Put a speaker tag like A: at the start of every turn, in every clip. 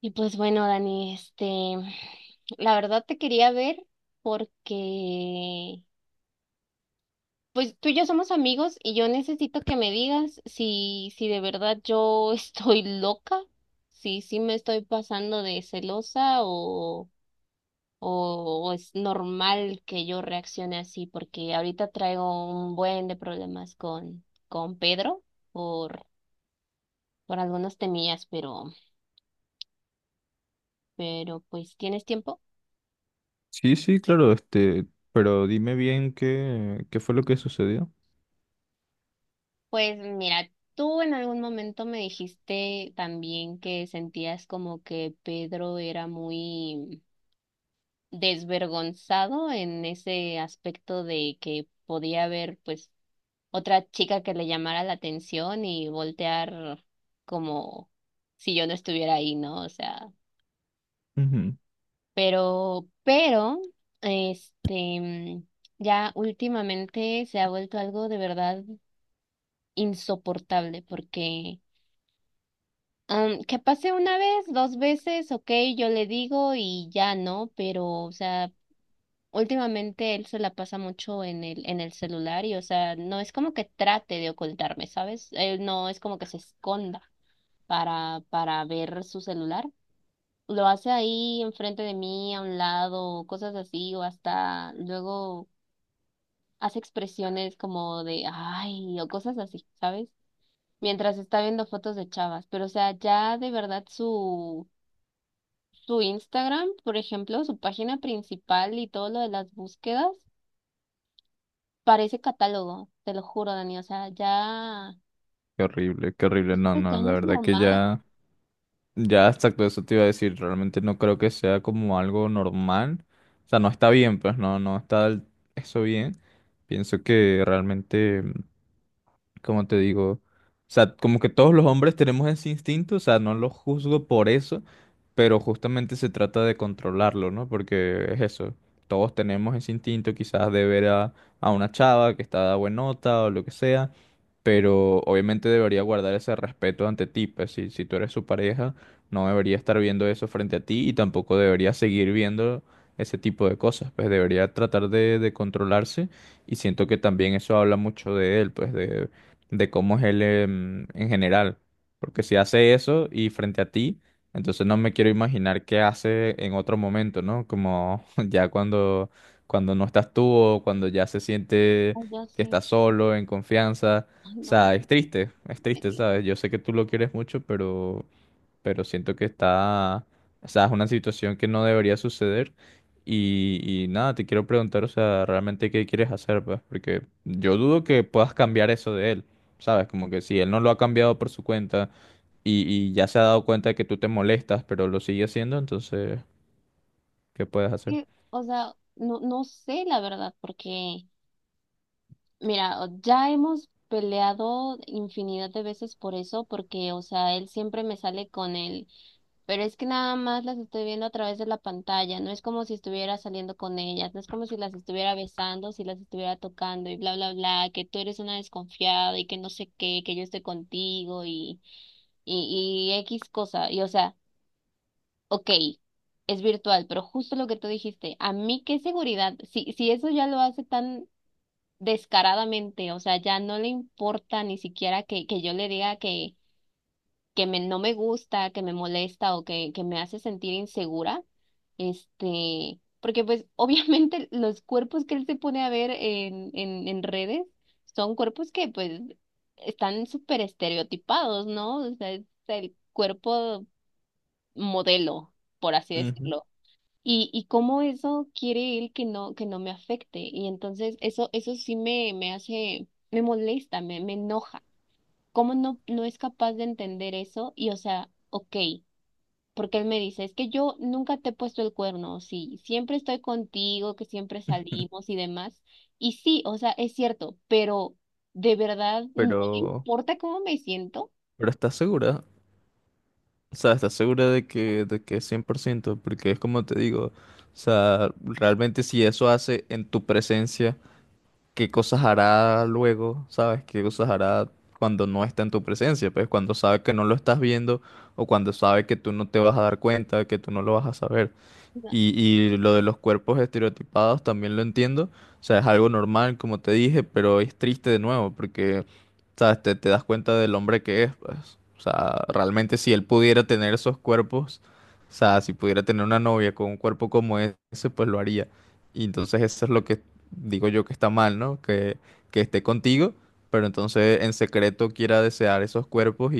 A: Y pues bueno, Dani, la verdad te quería ver porque, pues tú y yo somos amigos y yo necesito que me digas si de verdad yo estoy loca, si me estoy pasando de celosa o, o es normal que yo reaccione así, porque ahorita traigo un buen de problemas con Pedro por, por algunas temillas, pero pues, ¿tienes tiempo?
B: Sí, sí, claro, pero dime bien qué fue lo que sucedió.
A: Pues mira, tú en algún momento me dijiste también que sentías como que Pedro era muy desvergonzado en ese aspecto de que podía haber pues otra chica que le llamara la atención y voltear como si yo no estuviera ahí, ¿no? O sea,
B: Ujú.
A: pero, pero, este, ya últimamente se ha vuelto algo de verdad insoportable porque que pase una vez, dos veces, ok, yo le digo y ya no, pero, o sea, últimamente él se la pasa mucho en el celular y, o sea, no es como que trate de ocultarme, ¿sabes? Él no es como que se esconda para ver su celular. Lo hace ahí enfrente de mí, a un lado, cosas así, o hasta luego hace expresiones como de ay, o cosas así, ¿sabes? Mientras está viendo fotos de chavas, pero, o sea, ya de verdad su Instagram, por ejemplo, su página principal y todo lo de las búsquedas, parece catálogo, te lo juro, Dani. O sea, ya,
B: Qué horrible, qué horrible. No,
A: esto ya
B: no,
A: no
B: la
A: es
B: verdad que
A: normal.
B: ya, ya exacto, eso te iba a decir. Realmente no creo que sea como algo normal. O sea, no está bien, pues no, no está eso bien. Pienso que realmente, como te digo, o sea, como que todos los hombres tenemos ese instinto. O sea, no lo juzgo por eso, pero justamente se trata de controlarlo, ¿no? Porque es eso, todos tenemos ese instinto quizás de ver a una chava que está de buena nota o lo que sea, pero obviamente debería guardar ese respeto ante ti, pues si, si tú eres su pareja, no debería estar viendo eso frente a ti y tampoco debería seguir viendo ese tipo de cosas, pues debería tratar de controlarse. Y siento que también eso habla mucho de él, pues de cómo es él en general. Porque si hace eso y frente a ti, entonces no me quiero imaginar qué hace en otro momento, ¿no? Como ya cuando no estás tú o cuando ya se siente
A: Ay, ya
B: que
A: sí.
B: está solo, en confianza.
A: Ay,
B: O
A: no,
B: sea,
A: Dani.
B: es
A: Me-
B: triste,
A: me-
B: ¿sabes? Yo sé que tú lo quieres mucho, pero siento que está, o sea, es una situación que no debería suceder. Y, y nada, te quiero preguntar, o sea, realmente qué quieres hacer, pues, porque yo dudo que puedas cambiar eso de él, ¿sabes? Como que si él no lo ha cambiado por su cuenta y ya se ha dado cuenta de que tú te molestas, pero lo sigue haciendo, entonces, ¿qué puedes hacer?
A: O sea, no sé la verdad, porque mira, ya hemos peleado infinidad de veces por eso, porque, o sea, él siempre me sale con él, pero es que nada más las estoy viendo a través de la pantalla, no es como si estuviera saliendo con ellas, no es como si las estuviera besando, si las estuviera tocando y bla, bla, bla, que tú eres una desconfiada y que no sé qué, que yo estoy contigo y X cosa, y o sea, ok, es virtual, pero justo lo que tú dijiste, a mí qué seguridad, si eso ya lo hace tan descaradamente, o sea, ya no le importa ni siquiera que yo le diga que, no me gusta, que me molesta o que me hace sentir insegura, porque pues obviamente los cuerpos que él se pone a ver en redes son cuerpos que pues están súper estereotipados, ¿no? O sea, es el cuerpo modelo, por así
B: Ujú.
A: decirlo. Y cómo eso quiere él que que no me afecte. Y entonces eso sí me hace, me molesta, me enoja. ¿Cómo no es capaz de entender eso? Y o sea, ok, porque él me dice, es que yo nunca te he puesto el cuerno, sí, siempre estoy contigo, que siempre salimos y demás. Y sí, o sea, es cierto, pero ¿de verdad no le
B: Pero,
A: importa cómo me siento?
B: pero, ¿estás segura? O sea, ¿estás segura de que es 100%? Porque es como te digo, o sea, realmente si eso hace en tu presencia. Qué cosas hará luego, ¿sabes? ¿Qué cosas hará cuando no está en tu presencia? Pues cuando sabe que no lo estás viendo o cuando sabe que tú no te vas a dar cuenta, que tú no lo vas a saber. Y lo de los cuerpos estereotipados también lo entiendo. O sea, es algo normal, como te dije, pero es triste de nuevo porque, ¿sabes? Te das cuenta del hombre que es, pues. O sea, realmente si él pudiera tener esos cuerpos, o sea, si pudiera tener una novia con un cuerpo como ese, pues lo haría. Y entonces eso es lo que digo yo que está mal, ¿no? Que esté contigo, pero entonces en secreto quiera desear esos cuerpos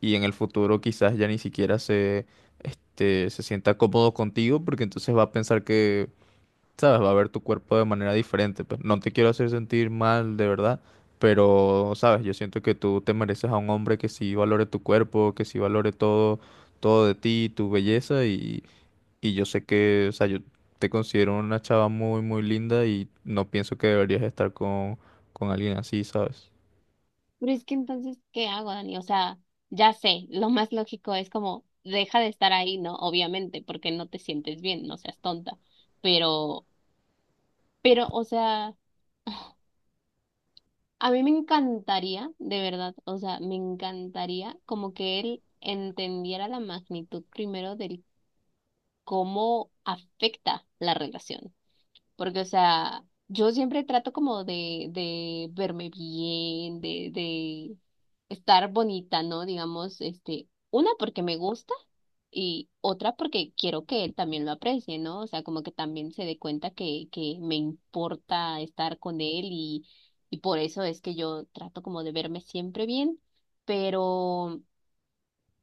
B: y en el futuro quizás ya ni siquiera se sienta cómodo contigo porque entonces va a pensar que, sabes, va a ver tu cuerpo de manera diferente. Pues no te quiero hacer sentir mal, de verdad, pero, sabes, yo siento que tú te mereces a un hombre que sí valore tu cuerpo, que sí valore todo, todo de ti, tu belleza y yo sé que, o sea, yo te considero una chava muy, muy linda y no pienso que deberías estar con alguien así, ¿sabes?
A: Pero es que entonces, ¿qué hago, Dani? O sea, ya sé, lo más lógico es como, deja de estar ahí, ¿no? Obviamente, porque no te sientes bien, no seas tonta. Pero, pero, o sea, a mí me encantaría, de verdad, o sea, me encantaría como que él entendiera la magnitud primero del cómo afecta la relación. Porque, o sea, yo siempre trato como de verme bien, de estar bonita, ¿no? Digamos, este, una porque me gusta y otra porque quiero que él también lo aprecie, ¿no? O sea, como que también se dé cuenta que me importa estar con él y por eso es que yo trato como de verme siempre bien, pero...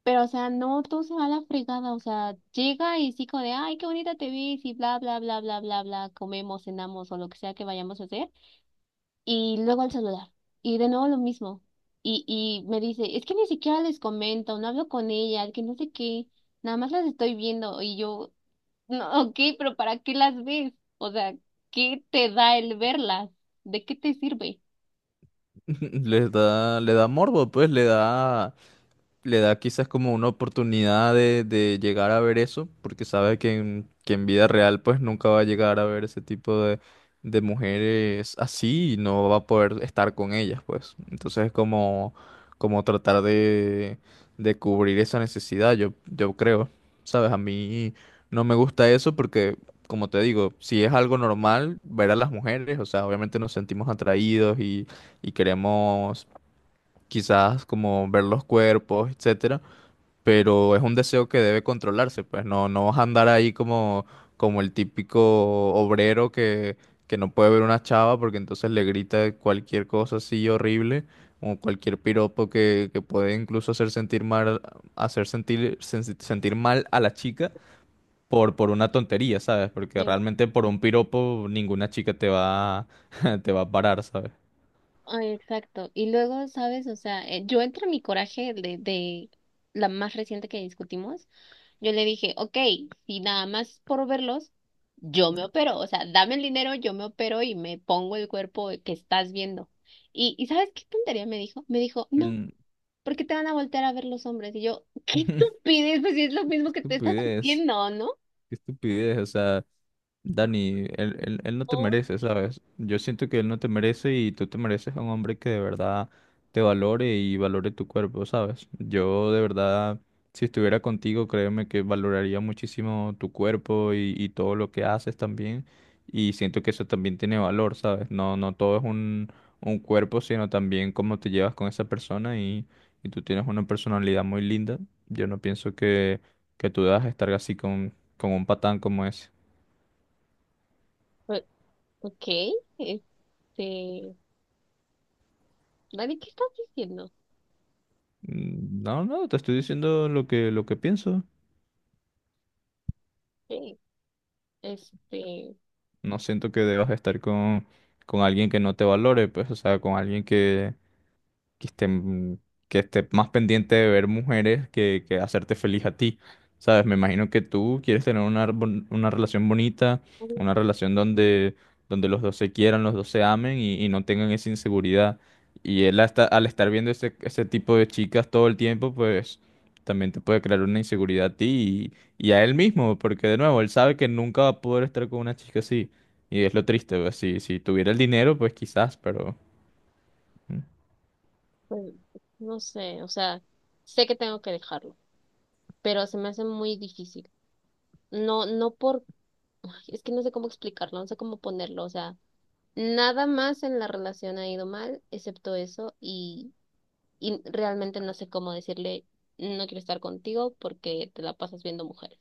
A: Pero, o sea, no todo se va a la fregada, o sea, llega y sí como de, ay, qué bonita te ves y bla, bla, bla, bla, bla, bla, comemos, cenamos o lo que sea que vayamos a hacer, y luego al celular, y de nuevo lo mismo, y me dice, es que ni siquiera les comento, no hablo con ellas, que no sé qué, nada más las estoy viendo, y yo, no, ok, pero ¿para qué las ves? O sea, ¿qué te da el verlas? ¿De qué te sirve?
B: Le da morbo, pues, le da quizás como una oportunidad de llegar a ver eso, porque sabe que que en vida real pues nunca va a llegar a ver ese tipo de mujeres así y no va a poder estar con ellas pues. Entonces es como tratar de cubrir esa necesidad, yo creo, ¿sabes? A mí no me gusta eso porque... Como te digo, si es algo normal ver a las mujeres, o sea, obviamente nos sentimos atraídos y queremos quizás como ver los cuerpos, etcétera, pero es un deseo que debe controlarse, pues no, no vas a andar ahí como el típico obrero que no puede ver una chava porque entonces le grita cualquier cosa así horrible o cualquier piropo que puede incluso hacer sentir mal, hacer sentir, sentir mal a la chica por una tontería, ¿sabes? Porque realmente por un piropo ninguna chica te va a parar, ¿sabes?
A: Ay, exacto. Y luego, ¿sabes? O sea, yo entre mi coraje de la más reciente que discutimos, yo le dije, ok, si nada más por verlos, yo me opero. O sea, dame el dinero, yo me opero y me pongo el cuerpo que estás viendo. ¿Y sabes qué tontería me dijo? Me dijo, no,
B: Mm.
A: ¿por qué te van a voltear a ver los hombres? Y yo, qué estupidez, pues si es lo mismo
B: Qué
A: que te estás
B: estupidez,
A: haciendo, ¿no?
B: qué estupidez, o sea... Dani, él no te
A: Oh,
B: merece, ¿sabes? Yo siento que él no te merece y tú te mereces a un hombre que de verdad te valore y valore tu cuerpo, ¿sabes? Yo de verdad, si estuviera contigo, créeme que valoraría muchísimo tu cuerpo y todo lo que haces también. Y siento que eso también tiene valor, ¿sabes? No, no todo es un cuerpo, sino también cómo te llevas con esa persona y tú tienes una personalidad muy linda. Yo no pienso que tú debas estar así con un patán como ese.
A: o- ok, este, Dani, ¿qué estás diciendo?
B: Mm. No, no, te estoy diciendo lo que pienso.
A: Sí, este...
B: No siento que debas estar con alguien que no te valore, pues, o sea, con alguien que estén, que esté más pendiente de ver mujeres que hacerte feliz a ti. ¿Sabes? Me imagino que tú quieres tener una relación bonita, una relación donde los dos se quieran, los dos se amen y no tengan esa inseguridad. Y él hasta, al estar viendo ese tipo de chicas todo el tiempo, pues también te puede crear una inseguridad a ti y a él mismo, porque de nuevo, él sabe que nunca va a poder estar con una chica así. Y es lo triste, pues, si, si tuviera el dinero, pues quizás, pero... Mm.
A: Pues no sé, o sea, sé que tengo que dejarlo, pero se me hace muy difícil. No, no por, Ay, es que no sé cómo explicarlo, no sé cómo ponerlo, o sea, nada más en la relación ha ido mal, excepto eso, y realmente no sé cómo decirle, no quiero estar contigo porque te la pasas viendo mujeres.